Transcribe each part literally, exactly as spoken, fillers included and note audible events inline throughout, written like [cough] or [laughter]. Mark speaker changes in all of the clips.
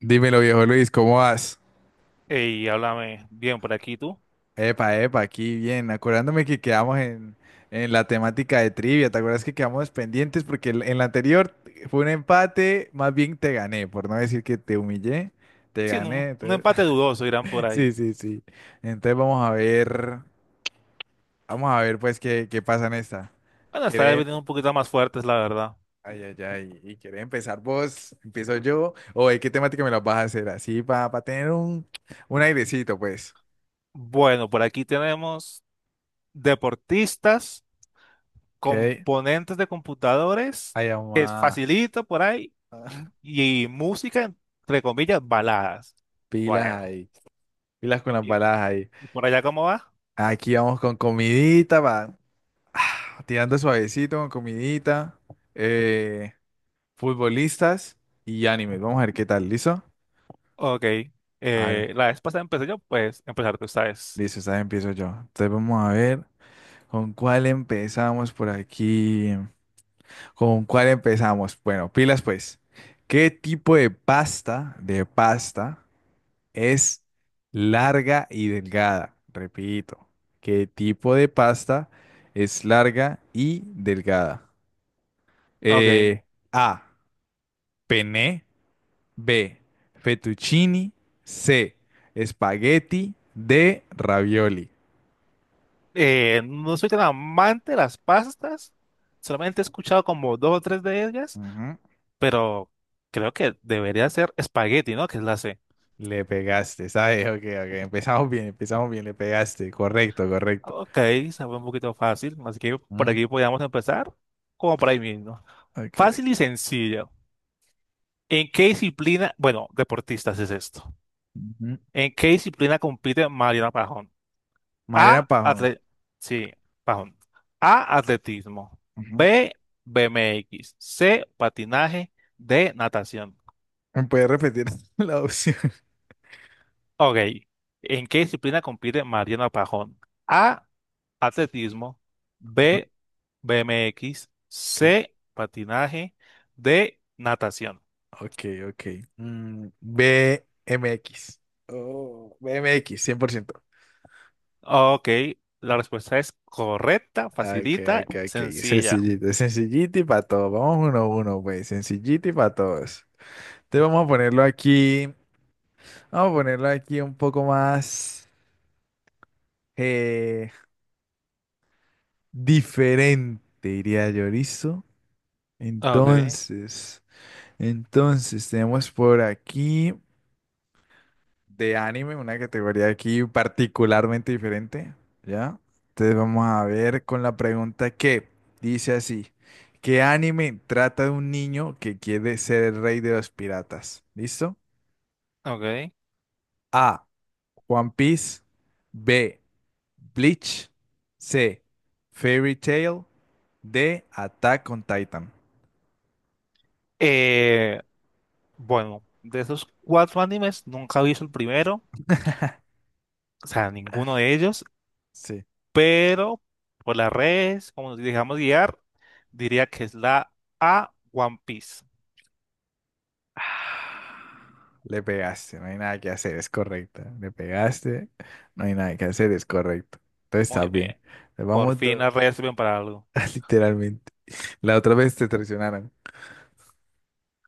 Speaker 1: Dímelo, viejo Luis, ¿cómo vas?
Speaker 2: Y háblame bien por aquí tú.
Speaker 1: Epa, epa, aquí bien. Acordándome que quedamos en, en la temática de trivia. ¿Te acuerdas que quedamos pendientes? Porque el- en la anterior fue un empate, más bien te gané, por no decir que te humillé, te
Speaker 2: Sí, un,
Speaker 1: gané.
Speaker 2: un
Speaker 1: entonces-
Speaker 2: empate dudoso irán por
Speaker 1: [laughs]
Speaker 2: ahí.
Speaker 1: Sí, sí, sí. Entonces vamos a ver, vamos a ver pues qué, qué pasa en esta.
Speaker 2: Bueno, esta vez
Speaker 1: ¿Querés?
Speaker 2: vienen un poquito más fuertes, la verdad.
Speaker 1: Ay, ay, ay. ¿Y querés empezar vos? ¿Empiezo yo? ¿O de qué temática me la vas a hacer? Así para tener un, un airecito, pues.
Speaker 2: Bueno, por aquí tenemos deportistas,
Speaker 1: Ok.
Speaker 2: componentes de computadores,
Speaker 1: Ay,
Speaker 2: es
Speaker 1: mamá.
Speaker 2: facilito por ahí, m- y música, entre comillas, baladas.
Speaker 1: Pilas
Speaker 2: Bueno,
Speaker 1: ahí, pilas con las
Speaker 2: ¿y
Speaker 1: balas ahí.
Speaker 2: y por allá cómo va?
Speaker 1: Aquí vamos con comidita, va. [sighs] ah, tirando suavecito con comidita. eh, futbolistas y animes. Vamos a ver qué tal, ¿listo?
Speaker 2: Ok.
Speaker 1: Vale,
Speaker 2: Eh, la vez pasada empecé yo, pues empezar tú, ¿sabes?
Speaker 1: listo, esta vez empiezo yo. Entonces vamos a ver con cuál empezamos por aquí. ¿Con cuál empezamos? Bueno, pilas pues. ¿Qué tipo de pasta, de pasta es larga y delgada? Repito, ¿qué tipo de pasta es larga y delgada?
Speaker 2: Ok.
Speaker 1: Eh, A. Penne. B. Fettuccini. C. Espagueti. D. Ravioli.
Speaker 2: Eh, no soy tan amante de las pastas, solamente he escuchado como dos o tres de ellas,
Speaker 1: Ujú.
Speaker 2: pero creo que debería ser espagueti, ¿no? Que es la C.
Speaker 1: Le pegaste, ¿sabes? Ok, ok. Empezamos bien, empezamos bien. Le pegaste. Correcto, correcto.
Speaker 2: Ok, sabe un poquito fácil, así que por
Speaker 1: Mm,
Speaker 2: aquí podríamos empezar, como por ahí mismo.
Speaker 1: ok, ok.
Speaker 2: Fácil y sencillo. ¿En qué disciplina, bueno, deportistas es esto?
Speaker 1: Ujú.
Speaker 2: ¿En qué disciplina compite Mariana Pajón?
Speaker 1: Mariana
Speaker 2: A,
Speaker 1: Pajón.
Speaker 2: atle- sí, Pajón. A, atletismo.
Speaker 1: Ujú.
Speaker 2: B, BMX. C, patinaje. D, natación.
Speaker 1: ¿Me puede repetir [laughs] la opción?
Speaker 2: Ok, ¿en qué disciplina compite Mariana Pajón? A, atletismo, B, BMX,
Speaker 1: Ok.
Speaker 2: C, patinaje, D, natación.
Speaker 1: Ok, ok. Mm, B M X. Oh, B M X, cien por ciento.
Speaker 2: Ok, la respuesta es correcta,
Speaker 1: Ah, ok,
Speaker 2: facilita,
Speaker 1: ok, ok.
Speaker 2: sencilla.
Speaker 1: Sencillito, sencillito y para todos. Vamos uno a uno, pues. Sencillito y para todos. Entonces vamos a ponerlo aquí. Vamos a ponerlo aquí un poco más eh, diferente, diría yo, ¿listo?
Speaker 2: Ok,
Speaker 1: Entonces, entonces tenemos por aquí de anime, una categoría aquí particularmente diferente, ¿ya? Entonces vamos a ver con la pregunta que dice así, ¿qué anime trata de un niño que quiere ser el rey de los piratas? ¿Listo?
Speaker 2: ok.
Speaker 1: A, One Piece, B, Bleach, C, Fairy Tail, D, Attack on Titan.
Speaker 2: Eh, bueno, de esos cuatro animes nunca he visto el primero, o sea, ninguno de ellos,
Speaker 1: Sí.
Speaker 2: pero por las redes, como nos dejamos guiar, diría que es la A, One Piece.
Speaker 1: Le pegaste, no hay nada que hacer, es correcta. Le pegaste, no hay nada que hacer, es correcto. Entonces está
Speaker 2: Muy bien.
Speaker 1: bien. Le
Speaker 2: Por
Speaker 1: vamos
Speaker 2: fin
Speaker 1: dos,
Speaker 2: las redes sirven para algo.
Speaker 1: [laughs] literalmente. La otra vez te traicionaron.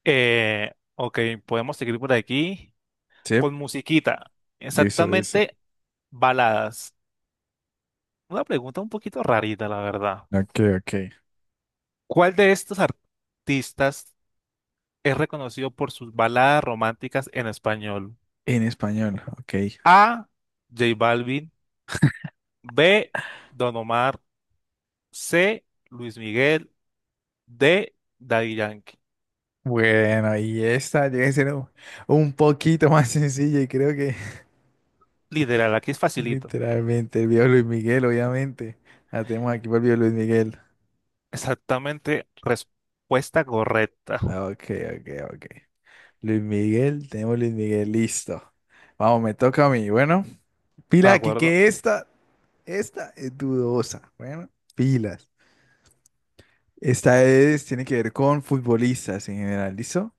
Speaker 2: Eh, ok, podemos seguir por aquí
Speaker 1: Sí,
Speaker 2: con musiquita.
Speaker 1: listo, listo.
Speaker 2: Exactamente, baladas. Una pregunta un poquito rarita, la verdad.
Speaker 1: Ok, ok.
Speaker 2: ¿Cuál de estos artistas es reconocido por sus baladas románticas en español?
Speaker 1: En español, ok.
Speaker 2: A. J Balvin. B. Don Omar. C. Luis Miguel. D. Daddy Yankee.
Speaker 1: Bueno, y esta llega a ser un, un poquito más sencilla y creo que
Speaker 2: Literal, aquí es
Speaker 1: [laughs]
Speaker 2: facilito.
Speaker 1: literalmente el viejo Luis Miguel, obviamente. La tenemos aquí por el viejo Luis Miguel.
Speaker 2: Exactamente, respuesta correcta.
Speaker 1: Ah, ok, ok, ok. Luis Miguel, tenemos Luis Miguel, listo. Vamos, me toca a mí, bueno.
Speaker 2: ¿De
Speaker 1: Pila aquí
Speaker 2: acuerdo?
Speaker 1: que esta, esta es dudosa. Bueno, pilas. Esta es, tiene que ver con futbolistas en general, ¿listo?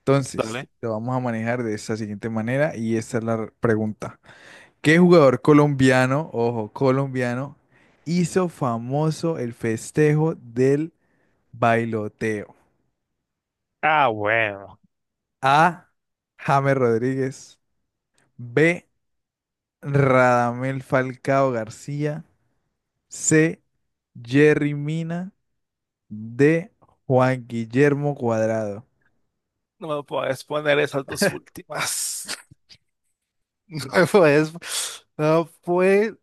Speaker 1: Entonces,
Speaker 2: Dale.
Speaker 1: lo vamos a manejar de esta siguiente manera y esta es la r- pregunta. ¿Qué jugador colombiano, ojo, colombiano, hizo famoso el festejo del bailoteo?
Speaker 2: Ah, bueno.
Speaker 1: A. James Rodríguez. B. Radamel Falcao García. C. Jerry Mina. De Juan Guillermo Cuadrado.
Speaker 2: No me puedes poner esas dos últimas. [laughs] No me puedes. No puede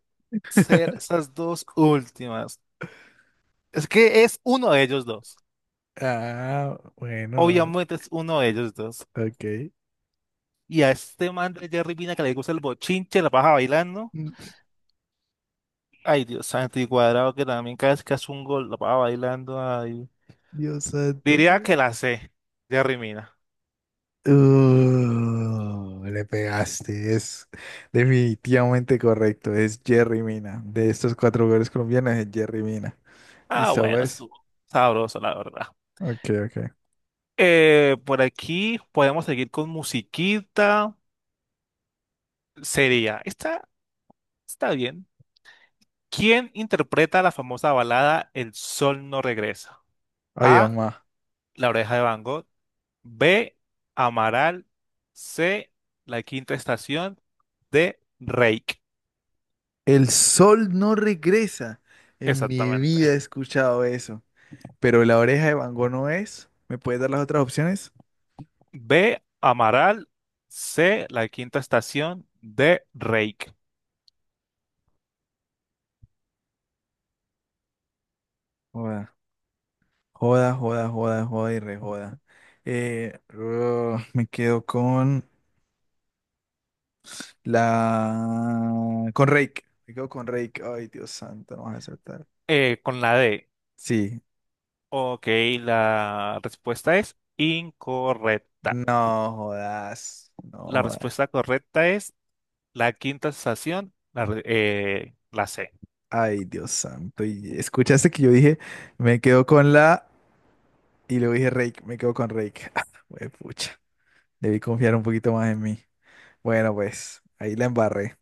Speaker 2: ser esas dos últimas. Es que es uno de ellos dos.
Speaker 1: Ah, bueno, no.
Speaker 2: Obviamente es uno de ellos dos.
Speaker 1: Ok.
Speaker 2: Y a este man de Jerry Mina que le gusta el bochinche, la baja bailando.
Speaker 1: Mm,
Speaker 2: Ay, Dios santo, y cuadrado que también cada vez que hace un gol la baja bailando. Ay.
Speaker 1: Dios
Speaker 2: Diría
Speaker 1: santo.
Speaker 2: que la sé, Jerry Mina.
Speaker 1: Uh, le pegaste. Es definitivamente correcto. Es Jerry Mina. De estos cuatro jugadores colombianos es Jerry Mina. ¿Y
Speaker 2: Ah, bueno,
Speaker 1: sabes?
Speaker 2: estuvo sabroso, la verdad.
Speaker 1: Ok, ok.
Speaker 2: Eh, por aquí podemos seguir con musiquita. sería, está, está bien. ¿Quién interpreta la famosa balada El sol no regresa?
Speaker 1: Ay,
Speaker 2: A.
Speaker 1: mamá.
Speaker 2: La oreja de Van Gogh. B. Amaral. C. La quinta estación. D. Reik.
Speaker 1: El sol no regresa. En mi
Speaker 2: Exactamente.
Speaker 1: vida he escuchado eso. Pero la oreja de Van Gogh no es. ¿Me puedes dar las otras opciones?
Speaker 2: B. Amaral. C. La quinta estación. D. Reik.
Speaker 1: Joda, joda, joda, joda y rejoda. Eh, uh, me quedo con la... Con Rake. Me quedo con Rake. Ay, Dios santo, no vas a acertar.
Speaker 2: Eh, con la D.
Speaker 1: Sí.
Speaker 2: Ok, la respuesta es incorrecta.
Speaker 1: No jodas. No
Speaker 2: La
Speaker 1: jodas.
Speaker 2: respuesta correcta es La quinta estación, la, re- eh, la C.
Speaker 1: Ay, Dios santo. Y escuchaste que yo dije, me quedo con la... Y luego dije Rake. Me quedo con Rake. [laughs] Güey, pucha. Debí confiar un poquito más en mí. Bueno, pues, ahí la embarré.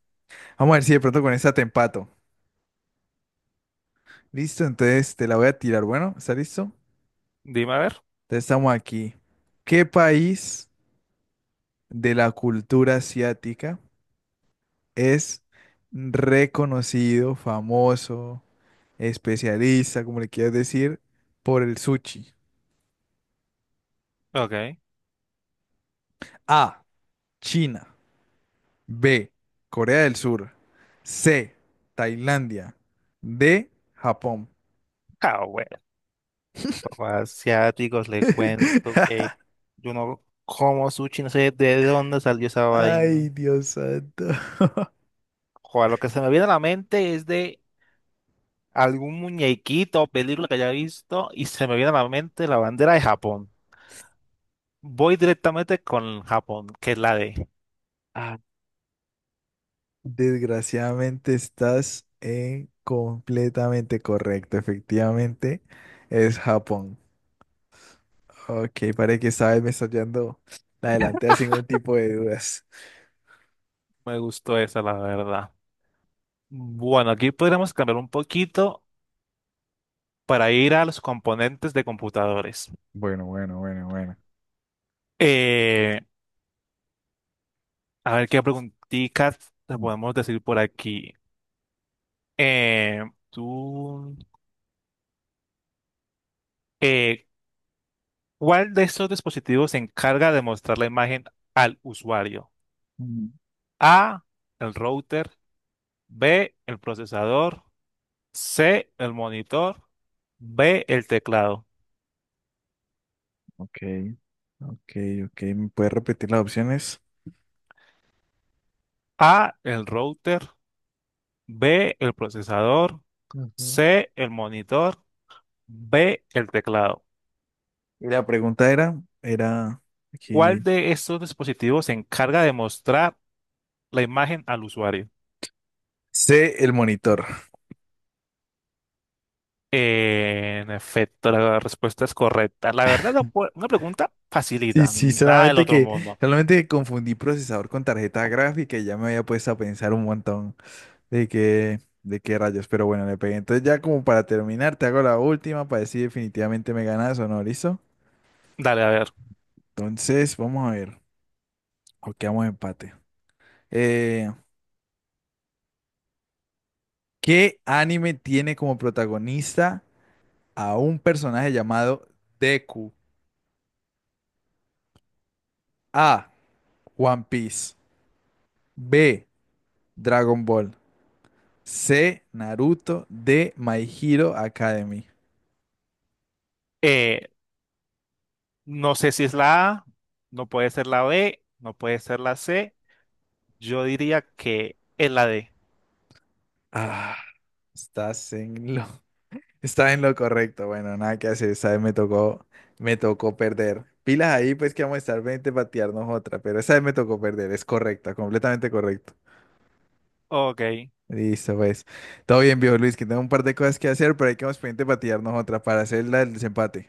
Speaker 1: Vamos a ver si de pronto con esta te empato. Listo, entonces te la voy a tirar. Bueno, ¿está listo?
Speaker 2: Dime a ver.
Speaker 1: Entonces, estamos aquí. ¿Qué país de la cultura asiática es reconocido, famoso, especialista, como le quieras decir, por el sushi?
Speaker 2: Ok.
Speaker 1: A. China. B. Corea del Sur. C. Tailandia. D. Japón.
Speaker 2: Ah, bueno, papá, asiáticos, le cuento que
Speaker 1: [laughs]
Speaker 2: yo no como sushi, no sé de dónde salió esa vaina.
Speaker 1: Ay, Dios santo. [laughs]
Speaker 2: Joder, lo que se me viene a la mente es de algún muñequito o película que haya visto y se me viene a la mente la bandera de Japón. Voy directamente con Japón, que es la D.
Speaker 1: Ah, desgraciadamente estás en completamente correcto. Efectivamente, es Japón. Ok, parece que esta vez me estás llevando la delantera sin ningún tipo de dudas.
Speaker 2: Me gustó esa, la verdad. Bueno, aquí podríamos cambiar un poquito para ir a los componentes de computadores.
Speaker 1: Bueno, bueno, bueno, bueno.
Speaker 2: Eh, a ver qué preguntitas te
Speaker 1: Mm,
Speaker 2: podemos decir por aquí. Eh, tú, eh, ¿Cuál de estos dispositivos se encarga de mostrar la imagen al usuario?
Speaker 1: mm,
Speaker 2: A, el router, B, el procesador, C, el monitor, B, el teclado.
Speaker 1: ok, ok, ok. ¿Me puedes repetir las opciones?
Speaker 2: A, el router, B, el procesador,
Speaker 1: Ujú.
Speaker 2: C, el monitor, B, el teclado.
Speaker 1: Y la pregunta era, era
Speaker 2: ¿Cuál
Speaker 1: aquí.
Speaker 2: de estos dispositivos se encarga de mostrar la imagen al usuario?
Speaker 1: Sé el monitor.
Speaker 2: En efecto, la respuesta es correcta. La verdad, la pu- una pregunta
Speaker 1: Sí,
Speaker 2: facilita,
Speaker 1: sí,
Speaker 2: nada del
Speaker 1: solamente
Speaker 2: otro
Speaker 1: que,
Speaker 2: mundo.
Speaker 1: solamente que confundí procesador con tarjeta gráfica y ya me había puesto a pensar un montón. De qué, de qué rayos, pero bueno, le pegué. Entonces ya como para terminar, te hago la última para decir definitivamente me ganas o no, ¿listo?
Speaker 2: Dale, a ver.
Speaker 1: Entonces, vamos a ver. O quedamos empate. Eh, ¿qué anime tiene como protagonista a un personaje llamado Deku? A. One Piece. B. Dragon Ball. C. Naruto. D. My Hero Academy.
Speaker 2: Eh, no sé si es la A, no puede ser la B, no puede ser la C. Yo diría que es la D.
Speaker 1: Ah, estás en lo Está en lo correcto, bueno, nada que hacer, esta vez me tocó, me tocó perder. Pilas ahí, pues que vamos a estar veinte patearnos otra, pero esa vez me tocó perder, es correcta, completamente correcto.
Speaker 2: Ok,
Speaker 1: Listo, pues. Todo bien, viejo Luis, que tengo un par de cosas que hacer, pero hay que vamos pendiente patearnos otra para hacer la- el desempate.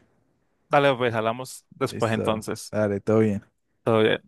Speaker 2: dale, pues hablamos después
Speaker 1: Listo,
Speaker 2: entonces.
Speaker 1: dale, todo bien.
Speaker 2: Todo bien.